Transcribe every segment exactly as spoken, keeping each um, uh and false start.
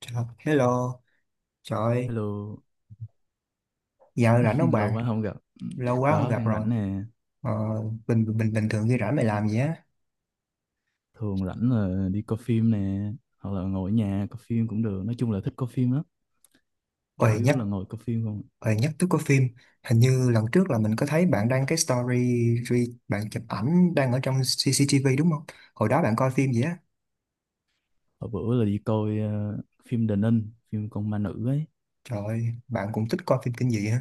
Chào, hello, trời ơi, Hello, giờ rảnh không lâu bạn? quá không gặp. Lâu quá không Có, gặp đang rồi. rảnh nè. Ờ, bình bình bình thường khi rảnh mày làm gì á? Thường rảnh là đi coi phim nè. Hoặc là ngồi ở nhà coi phim cũng được. Nói chung là thích coi phim lắm. Chủ Ôi yếu nhắc, là ngồi coi phim không. À. ôi nhắc tới có phim. Hình như lần trước là mình có thấy bạn đăng cái story, re- bạn chụp ảnh đang ở trong xê xê tê vê đúng không? Hồi đó bạn coi phim gì á? Hồi bữa là đi coi ờ, phim Đền Ninh, phim con ma nữ ấy. Trời ơi, bạn cũng thích coi phim kinh dị hả?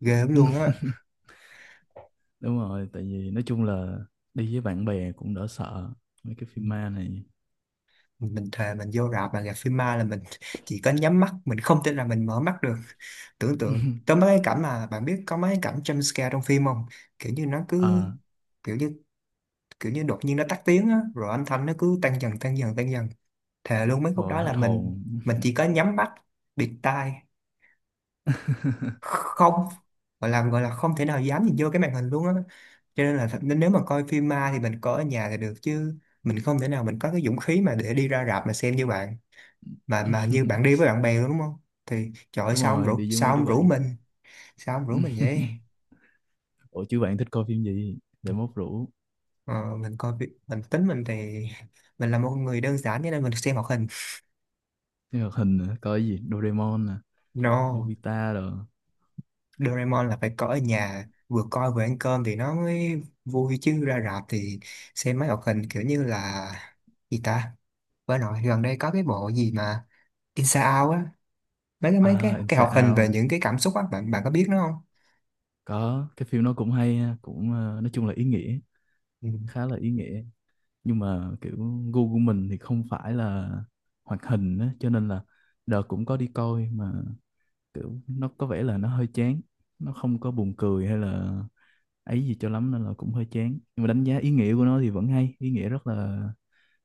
Ghê lắm luôn á. Đúng rồi, tại vì nói chung là đi với bạn bè cũng đỡ sợ. Mấy cái phim ma này. Mình thề mình vô rạp mà gặp phim ma là mình chỉ có nhắm mắt, mình không tin là mình mở mắt được. Tưởng tượng có mấy cái cảnh mà bạn biết, có mấy cái cảnh jump scare trong phim không? kiểu như nó cứ À, kiểu như kiểu như đột nhiên nó tắt tiếng á rồi âm thanh nó cứ tăng dần tăng dần tăng dần. Thề luôn mấy khúc rồi đó hết là mình hồn. mình chỉ có nhắm mắt, bịt tai, không gọi là gọi là không thể nào dám nhìn vô cái màn hình luôn á. Cho nên là thật- nên nếu mà coi phim ma thì mình coi ở nhà thì được, chứ mình không thể nào mình có cái dũng khí mà để đi ra rạp mà xem như bạn, mà mà như bạn đi với bạn bè đúng không? Thì trời ơi, Đúng sao ông rồi, rủ đi với sao mấy đứa ông rủ bạn. mình, sao ông rủ mình vậy? Ủa chứ bạn thích coi phim gì? Để mốt rủ. ờ, mình coi vi- mình tính mình thì mình là một người đơn giản cho nên mình xem hoạt hình. Phim hoạt hình nữa có cái gì, Doraemon nè, No, Nobita rồi. Doraemon là phải coi ở nhà, vừa coi vừa ăn cơm thì nó mới vui, chứ ra rạp thì xem mấy hoạt hình kiểu như là gì ta, với nội gần đây có cái bộ gì mà Inside Out á, mấy cái mấy cái À, cái Inside hoạt hình về Out, những cái cảm xúc á, bạn bạn có biết nó không? có cái phim nó cũng hay ha, cũng ờ, nói chung là ý nghĩa, Ừ. khá là ý nghĩa. Nhưng mà kiểu gu của mình thì không phải là hoạt hình á, cho nên là đợt cũng có đi coi mà kiểu nó có vẻ là nó hơi chán, nó không có buồn cười hay là ấy gì cho lắm nên là cũng hơi chán. Nhưng mà đánh giá ý nghĩa của nó thì vẫn hay, ý nghĩa rất là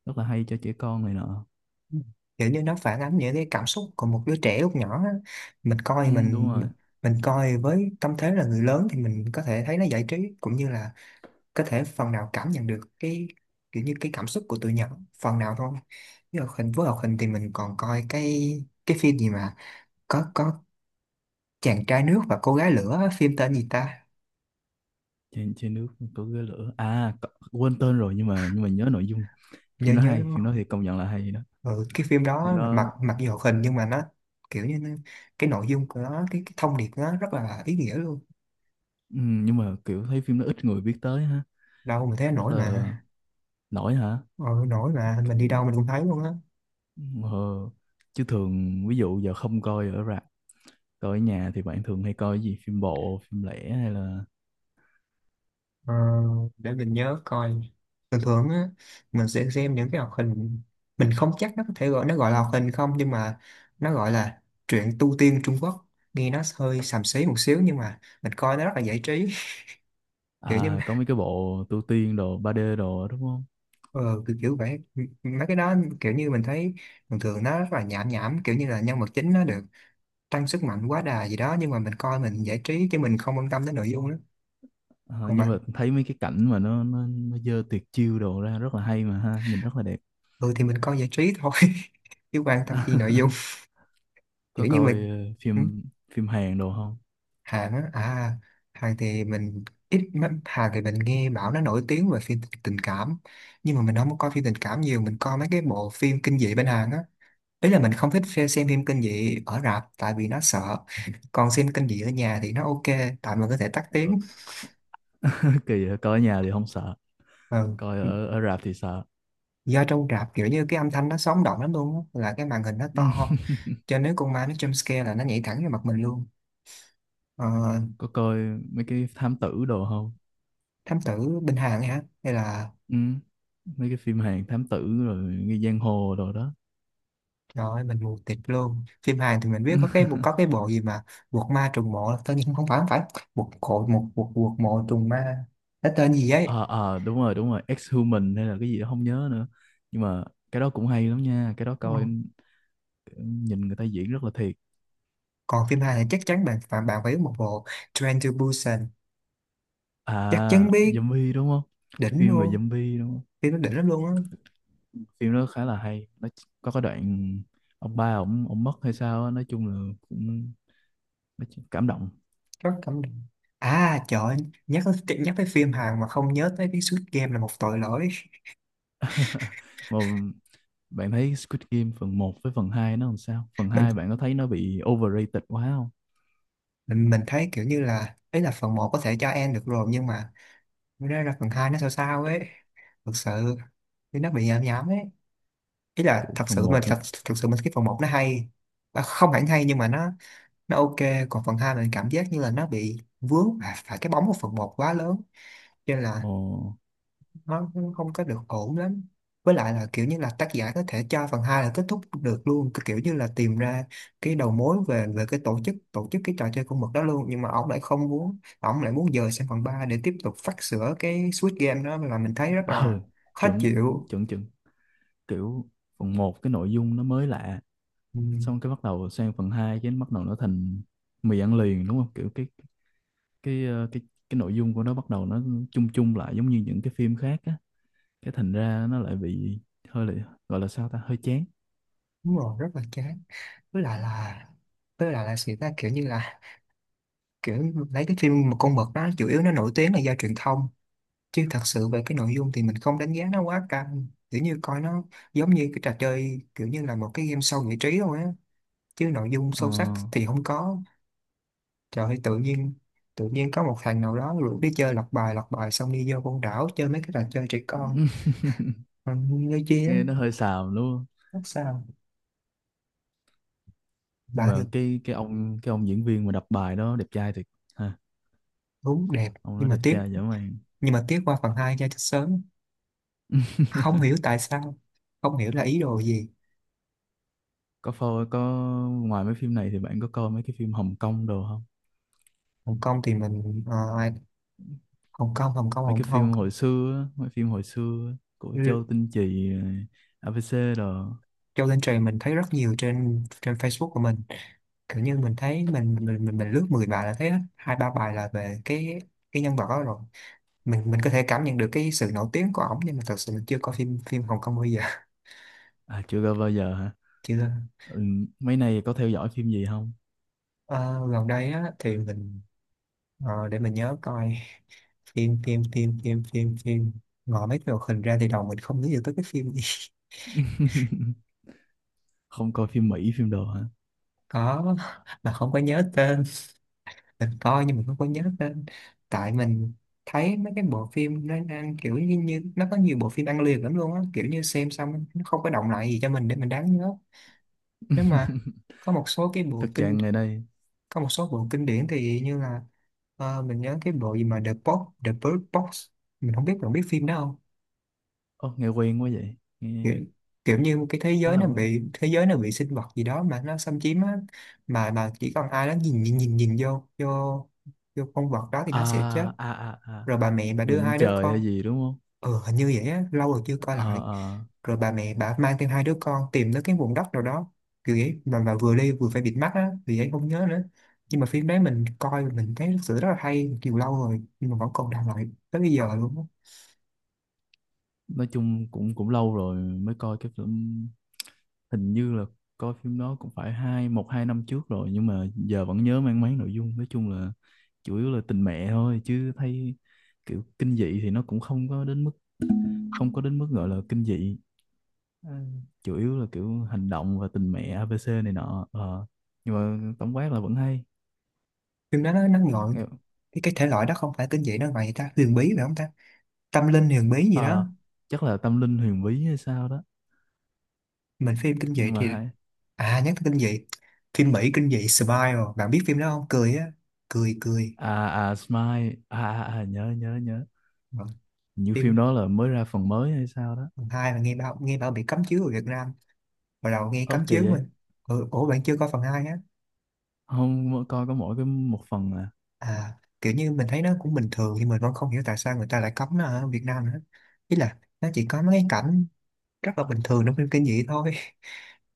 rất là hay cho trẻ con này nọ. Ừ. Kiểu như nó phản ánh những cái cảm xúc của một đứa trẻ lúc nhỏ á. mình Ừ, coi đúng mình rồi. mình coi với tâm thế là người lớn thì mình có thể thấy nó giải trí, cũng như là có thể phần nào cảm nhận được cái kiểu như cái cảm xúc của tụi nhỏ phần nào thôi. Với hoạt hình với hoạt hình thì mình còn coi cái cái phim gì mà có có chàng trai nước và cô gái lửa á, phim tên gì ta? Trên trên nước có ghế lửa à, có- quên tên rồi nhưng mà nhưng mà nhớ nội dung. Nhớ Phim nó nhớ hay, đúng phim không? nó thì công nhận là hay đó. Ừ, cái phim Phim đó là mặc nó mặc dù hoạt hình nhưng mà nó kiểu như nó- cái nội dung của nó, cái, cái thông điệp của nó rất là ý nghĩa luôn. ừm, nhưng mà kiểu thấy phim nó ít người biết tới ha, Đâu mà thấy rất nổi là mà. nổi hả. Ờ, nổi mà mình đi Ừm, đâu mình cũng thấy luôn á. ờ, chứ thường ví dụ giờ không coi ở rạp, coi ở nhà thì bạn thường hay coi cái gì, phim bộ, phim lẻ hay là... Ờ, để mình nhớ coi. Thường thường á mình sẽ xem những cái hoạt hình, mình không chắc nó có thể gọi nó gọi là hoạt hình không nhưng mà nó gọi là truyện tu tiên Trung Quốc. Nghe nó hơi xàm xí một xíu nhưng mà mình coi nó rất là giải trí. Kiểu như À, có mấy cái bộ tu tiên đồ ba d đồ đó, đúng không? ờ, kiểu, kiểu vậy, M- mấy cái đó kiểu như mình thấy thường thường nó rất là nhảm nhảm, kiểu như là nhân vật chính nó được tăng sức mạnh quá đà gì đó, nhưng mà mình coi mình giải trí chứ mình không quan tâm đến nội dung đó. Ờ, Còn nhưng bạn? mà thấy mấy cái cảnh mà nó nó nó dơ tuyệt chiêu đồ ra rất là hay mà ha, nhìn rất là đẹp. Ừ thì mình coi giải trí thôi, chứ quan tâm chi nội dung. Có Kiểu như coi mình, ờ, ừ, phim phim Hàn đồ không? Hàn á, à, Hàn thì mình ít lắm. Hàn thì mình nghe bảo nó nổi tiếng về phim tình tình cảm, nhưng mà mình không có coi phim tình cảm nhiều, mình coi mấy cái bộ phim kinh dị bên Hàn á. Ý là mình không thích phe- xem phim kinh dị ở rạp tại vì nó sợ, còn xem kinh dị ở nhà thì nó ok. Tại mình có thể tắt tiếng. Kỳ vậy, coi ở nhà thì không sợ, Ừ. coi ở ở rạp thì sợ. Do trong rạp kiểu như cái âm thanh nó sống động lắm luôn á, là cái màn hình nó to, cho nên nếu con ma nó jump scare là nó nhảy thẳng vào mặt mình luôn. Ờ, Có coi mấy cái thám tử đồ không? thám tử bên Hàn ấy hả hay là, Ừ. Mấy cái phim Hàn thám tử rồi nghi giang hồ đồ đó. trời ơi mình mù tịt luôn. Phim Hàn thì mình biết có cái có cái bộ gì mà Quật ma trùng mộ, tất nhiên không phải không phải Quật cộ một Quật Quật mộ trùng ma, cái tên gì ấy. Ờ ờ, đúng rồi đúng rồi, Ex-Human hay là cái gì đó không nhớ nữa. Nhưng mà cái đó cũng hay lắm nha, cái đó Ừ. coi nhìn người ta diễn rất là thiệt. Còn phim Hàn thì chắc chắn bạn bạn bạn phải biết một bộ, Train to Busan. Chắc chắn À, biết, zombie đúng không? đỉnh Phim về luôn. zombie đúng không? Phim nó đỉnh lắm luôn á, Phim đó khá là hay, nó có cái đoạn ông ba ổng ổng mất hay sao á, nói chung là cũng... Mấy chuyện cảm động. rất cảm động. À trời ơi, nhắc tới- nhắc tới phim Hàn mà không nhớ tới cái Squid Game là một tội lỗi. Mà bạn thấy Squid Game phần một với phần hai nó làm sao, phần mình hai bạn có thấy nó bị overrated quá không? mình mình thấy kiểu như là ấy là phần một có thể cho em được rồi nhưng mà nó ra là phần hai nó sao sao ấy, thực sự thì nó bị nhảm nhảm ấy. Ý là Kiểu thật phần sự mà một, thật, thật sự mình cái phần một nó hay, à, không hẳn hay nhưng mà nó nó ok. Còn phần hai mình cảm giác như là nó bị vướng phải, phải cái bóng của phần một quá lớn, cho nên là ồ, nó cũng không có được ổn lắm. Với lại là kiểu như là tác giả có thể cho phần hai là kết thúc được luôn, cái kiểu như là tìm ra cái đầu mối về về cái tổ chức tổ chức cái trò chơi con mực đó luôn, nhưng mà ông lại không muốn, ông lại muốn dời sang phần ba để tiếp tục phát sửa cái Squid Game, đó là mình thấy rất là ừ, khó chuẩn chịu. chuẩn chuẩn. Kiểu phần một cái nội dung nó mới lạ, Ừ, xong cái bắt đầu sang phần hai cái nó bắt đầu nó thành mì ăn liền đúng không? Kiểu cái cái ờ, cái cái nội dung của nó bắt đầu nó chung chung lại giống như những cái phim khác á. Cái thành ra nó lại bị hơi là, gọi là sao ta, hơi chán. đúng rồi, rất là chán. Với lại là với lại là sự ta kiểu như là, kiểu lấy cái phim một con mực đó chủ yếu nó nổi tiếng là do truyền thông, chứ thật sự về cái nội dung thì mình không đánh giá nó quá căng, kiểu như coi nó giống như cái trò chơi kiểu như là một cái game show giải trí thôi á, chứ nội dung Ờ. sâu sắc thì không có. Trời ơi tự nhiên tự nhiên có một thằng nào đó rủ đi chơi, lọc bài lọc bài xong đi vô con đảo chơi mấy cái trò chơi trẻ con. Ừ, nghe chi á. Nghe nó hơi xàm đúng không? Rất sao. Nhưng Bà mà được. cái cái ông cái ông diễn viên mà đọc bài đó đẹp trai thiệt ha. Đúng đẹp. Ông đó Nhưng mà đẹp tiếc, trai dã man. nhưng mà tiếc qua phần hai ra chết sớm, không hiểu tại sao, không hiểu là ý đồ gì. Có phô có, ngoài mấy phim này thì bạn có coi mấy cái phim Hồng Kông đồ không? Hồng Kông thì mình, ờ, Hồng Kông Hồng Kông Mấy Hồng cái phim Kông, hồi xưa á, mấy phim hồi xưa á, của Châu Tinh Trì rồi a bê xê đồ. Châu Tinh Trì mình thấy rất nhiều trên trên Facebook của mình. Kiểu như mình thấy mình mình mình, mình lướt mười bài là thấy hết, hai ba bài là về cái cái nhân vật đó rồi. Mình mình có thể cảm nhận được cái sự nổi tiếng của ổng nhưng mà thật sự mình chưa có phim phim Hồng Kông bao giờ. À chưa coi bao giờ hả? Chưa. Ừ, mấy này có theo dõi phim gì không? Ờ, gần đây á thì mình, ờ, để mình nhớ coi, phim phim phim phim phim phim, ngồi mấy cái hoạt hình ra thì đầu mình không nghĩ được tới cái phim gì. Không coi phim Mỹ phim đồ hả? Có, mà không có nhớ tên. Mình coi nhưng mình không có nhớ tên, tại mình thấy mấy cái bộ phim nó đang kiểu như, như nó có nhiều bộ phim ăn liền lắm luôn á, kiểu như xem xong nó không có động lại gì cho mình để mình đáng nhớ. Nếu mà có một số cái bộ Thực kinh trạng ngày đây. có một số bộ kinh điển thì như là, ờ, mình nhớ cái bộ gì mà The Box The Bird Box, mình không biết bạn biết phim đó không? Ô, nghe quen quá vậy nghe. Kiểu, kiểu như một cái thế Khá giới là nó quen. bị, thế giới nó bị sinh vật gì đó mà nó xâm chiếm á, mà mà chỉ còn ai đó nhìn nhìn nhìn nhìn vô vô vô con vật đó thì nó sẽ chết. À à à, à, Rồi bà mẹ bà đưa nhìn lên hai đứa trời con, hay gì đúng không? ừ hình như vậy á lâu rồi chưa coi Ờ lại, ờ. rồi bà mẹ bà mang thêm hai đứa con tìm tới cái vùng đất nào đó kiểu vậy, mà mà vừa đi vừa phải bịt mắt á vì vậy không nhớ nữa. Nhưng mà phim đấy mình coi mình thấy thực sự rất là hay, nhiều lâu rồi nhưng mà vẫn còn đang lại tới bây giờ luôn á. Nói chung cũng cũng lâu rồi mới coi cái phim, hình như là coi phim đó cũng phải hai một hai năm trước rồi nhưng mà giờ vẫn nhớ mang máng nội dung. Nói chung là chủ yếu là tình mẹ thôi, chứ thấy kiểu kinh dị thì nó cũng không có đến mức, không có đến mức gọi là kinh dị. Ừ. Chủ yếu là kiểu hành động và tình mẹ a bê xê này nọ. Ờ. Nhưng mà tổng quát là vẫn hay. Phim đó nó nó ngợi Nghe- cái cái thể loại đó không phải kinh dị đâu, vậy ta, huyền bí phải không ta, tâm linh huyền bí gì đó. Ờ, chắc là tâm linh huyền bí hay sao đó, Mình phim kinh dị nhưng mà thì, hay. à nhắc tới kinh dị, phim Mỹ kinh dị Smile, bạn biết phim đó không? Cười á, cười cười. À à Smile, à, à, à nhớ nhớ nhớ. Vâng. Như phim phim đó là mới ra phần mới hay sao đó. Phần hai là nghe bảo nghe bảo bị cấm chiếu ở Việt Nam. Hồi đầu nghe Ơ cấm kỳ chiếu vậy. mình ừ, ủa bạn chưa coi phần hai á? Không, mỗi- coi có mỗi cái một phần à. À, kiểu như mình thấy nó cũng bình thường nhưng mình vẫn không hiểu tại sao người ta lại cấm nó ở Việt Nam nữa. Ý là nó chỉ có mấy cái cảnh rất là bình thường trong phim kinh dị thôi.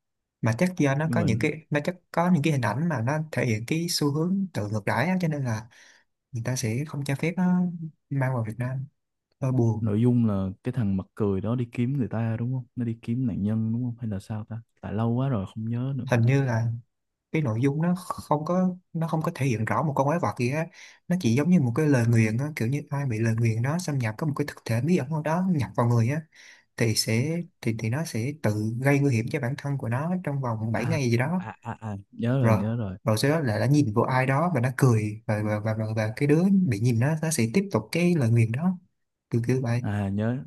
Mà chắc do nó Nhưng có mà những cái, nó chắc có những cái hình ảnh mà nó thể hiện cái xu hướng tự ngược đãi á, cho nên là người ta sẽ không cho phép nó mang vào Việt Nam. Hơi buồn. nội dung là cái thằng mặt cười đó đi kiếm người ta đúng không, nó đi kiếm nạn nhân đúng không hay là sao ta, tại lâu quá rồi không nhớ nữa. Hình như là cái nội dung nó không có, nó không có thể hiện rõ một con quái vật gì á, nó chỉ giống như một cái lời nguyền á, kiểu như ai bị lời nguyền đó xâm nhập, có một cái thực thể bí ẩn nào đó nhập vào người á, thì sẽ thì thì nó sẽ tự gây nguy hiểm cho bản thân của nó trong vòng bảy À ngày gì đó. à à, à nhớ rồi Rồi nhớ rồi. rồi sau đó là đã nhìn vô ai đó và nó cười, và và và, và, và cái đứa bị nhìn nó nó sẽ tiếp tục cái lời nguyền đó. Kiểu kiểu vậy. À nhớ,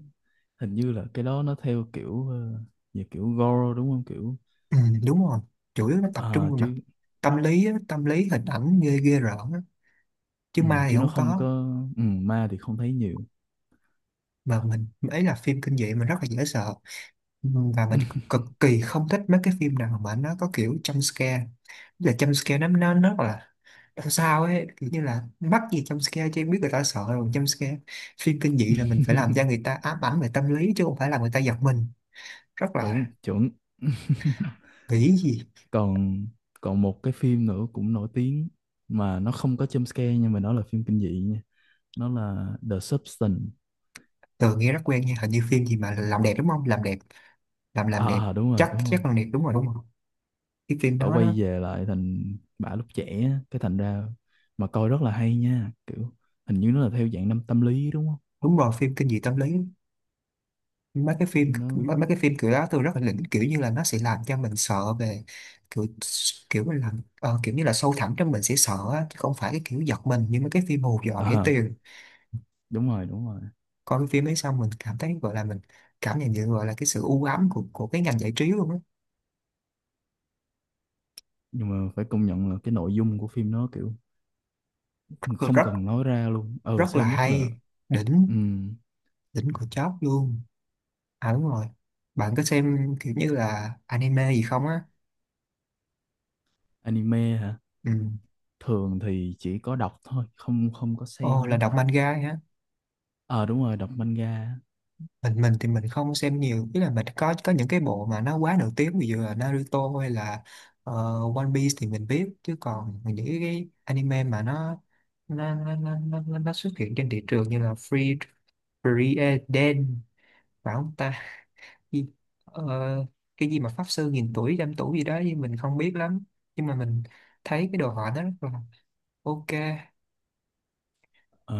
hình như là cái đó nó theo kiểu ờ, về kiểu gore đúng không, kiểu? Ừ, đúng rồi, chủ yếu nó tập trung À, vào mặt chứ tâm lý á, tâm lý hình ảnh ghê ghê rợn á. Chứ ừ, ma thì chứ nó không không có. có, ừ, ma thì không thấy nhiều. Mà mình ấy, là phim kinh dị mình rất là dễ sợ. Ừm, và mình cực kỳ không thích mấy cái phim nào mà nó có kiểu jump scare. Tức là jump scare nó nó nó rất là làm sao ấy, kiểu như là mắc gì jump scare chứ, em biết người ta sợ rồi jump scare. Phim kinh dị là mình phải làm cho người ta ám ảnh về tâm lý chứ không phải là người ta giật mình. Rất Đúng là chuẩn. nghĩ gì, còn còn một cái phim nữa cũng nổi tiếng, mà nó không có jump scare nhưng mà nó là phim kinh dị nha, nó là The Substance. từ nghe rất quen nha, hình như phim gì mà làm đẹp đúng không, làm đẹp, làm làm À, đẹp à à, đúng rồi chắc đúng rồi. chắc làm đẹp đúng rồi đúng không. Cái phim Bà đó nó quay về lại thành bà lúc trẻ á, cái thành ra mà coi rất là hay nha. Kiểu hình như nó là theo dạng năm tâm lý đúng không? đúng rồi, phim kinh dị tâm lý. mấy cái phim Phim nó mấy, mấy cái phim kiểu đó tôi rất là đỉnh, kiểu như là nó sẽ làm cho mình sợ về kiểu, kiểu là làm ờ, kiểu như là sâu thẳm trong mình sẽ sợ á, chứ không phải cái kiểu giật mình như mấy cái phim hù dọa à rẻ à, tiền. đúng rồi đúng rồi. Coi cái phim ấy xong mình cảm thấy gọi là mình cảm nhận được, gọi là cái sự u ám của của cái ngành giải trí luôn á. Nhưng mà phải công nhận là cái nội dung của phim nó kiểu không Rất, cần nói ra luôn, ừ, rất là xem rất là... hay. Ừ, Đỉnh Đỉnh của chóp luôn. À đúng rồi, bạn có xem kiểu như là anime gì không á? anime hả? Ừ. Thường thì chỉ có đọc thôi, không không có Ồ, xem là á. đọc manga hả? Ờ, đúng rồi, đọc manga. mình mình thì mình không xem nhiều, ý là mình có có những cái bộ mà nó quá nổi tiếng, ví dụ là Naruto hay là ờ, One Piece thì mình biết, chứ còn những cái anime mà nó nó nó nó, nó, nó nó xuất hiện trên thị trường như là Free Free Eden phải không ta, gì, ờ, cái gì mà pháp sư nghìn tuổi trăm tuổi gì đó thì mình không biết lắm, nhưng mà mình thấy cái đồ họa nó rất là ok. Ờ,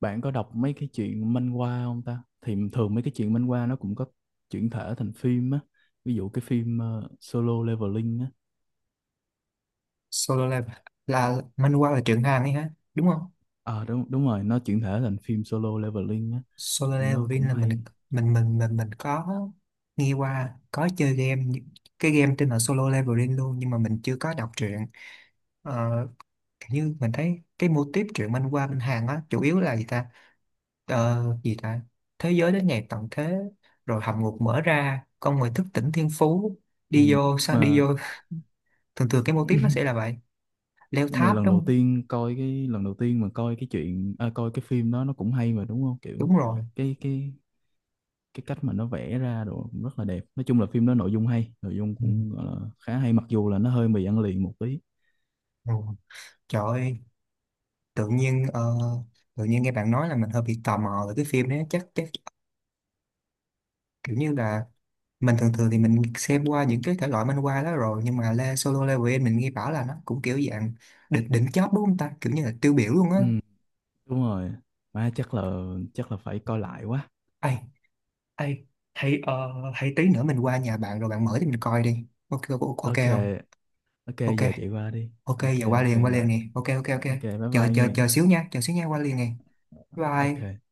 bạn có đọc mấy cái chuyện manhwa không ta? Thì thường mấy cái chuyện manhwa nó cũng có chuyển thể thành phim á, ví dụ cái phim ờ, Solo Leveling á. Solo Leveling là manhwa, là truyện Hàn ấy hả, đúng không? Ờ đúng đúng rồi, nó chuyển thể thành phim Solo Leveling á. Solo Phim nó Leveling cũng là mình hay. mình mình mình mình có nghe qua, có chơi game nhưng- cái game tên là Solo Leveling luôn, nhưng mà mình chưa có đọc truyện. Ờ, kiểu như mình thấy cái mô típ truyện manh qua bên Hàn á, chủ yếu là gì ta, ờ, gì ta, thế giới đến ngày tận thế rồi hầm ngục mở ra, con người thức tỉnh thiên phú, Ừ. đi vô, Nhưng sao đi mà vô. Thường thường cái mô típ nó sẽ là vậy, leo nhưng mà tháp lần đúng đầu không? tiên coi cái lần đầu tiên mà coi cái chuyện à, coi cái phim đó nó cũng hay mà đúng không, kiểu? Đúng rồi. Cái cái cái cách mà nó vẽ ra đồ cũng rất là đẹp. Nói chung là phim đó nội dung hay, nội dung Ừ. cũng gọi là khá hay, mặc dù là nó hơi mì ăn liền một tí. Ừ. Trời ơi, tự nhiên ờ, tự nhiên nghe bạn nói là mình hơi bị tò mò về cái phim đấy, chắc chắc kiểu như là mình thường thường thì mình xem qua những cái thể loại manh qua đó rồi, nhưng mà Le Solo Leveling mình nghe bảo là nó cũng kiểu dạng đỉnh, đỉnh chóp đúng không ta, kiểu như là tiêu biểu luôn á. Ừ, đúng rồi. Má chắc là chắc là phải coi lại quá. Ai, ai hay, ờ, hay tí nữa mình qua nhà bạn rồi bạn mở thì mình coi đi, ok ok ok OK, không. OK Ok, giờ chạy qua đi, ok OK giờ qua OK liền qua rồi. liền nè, ok ok ok. OK bye chờ bye chờ nghe. chờ xíu nha, chờ xíu nha, qua liền nè. OK Bye.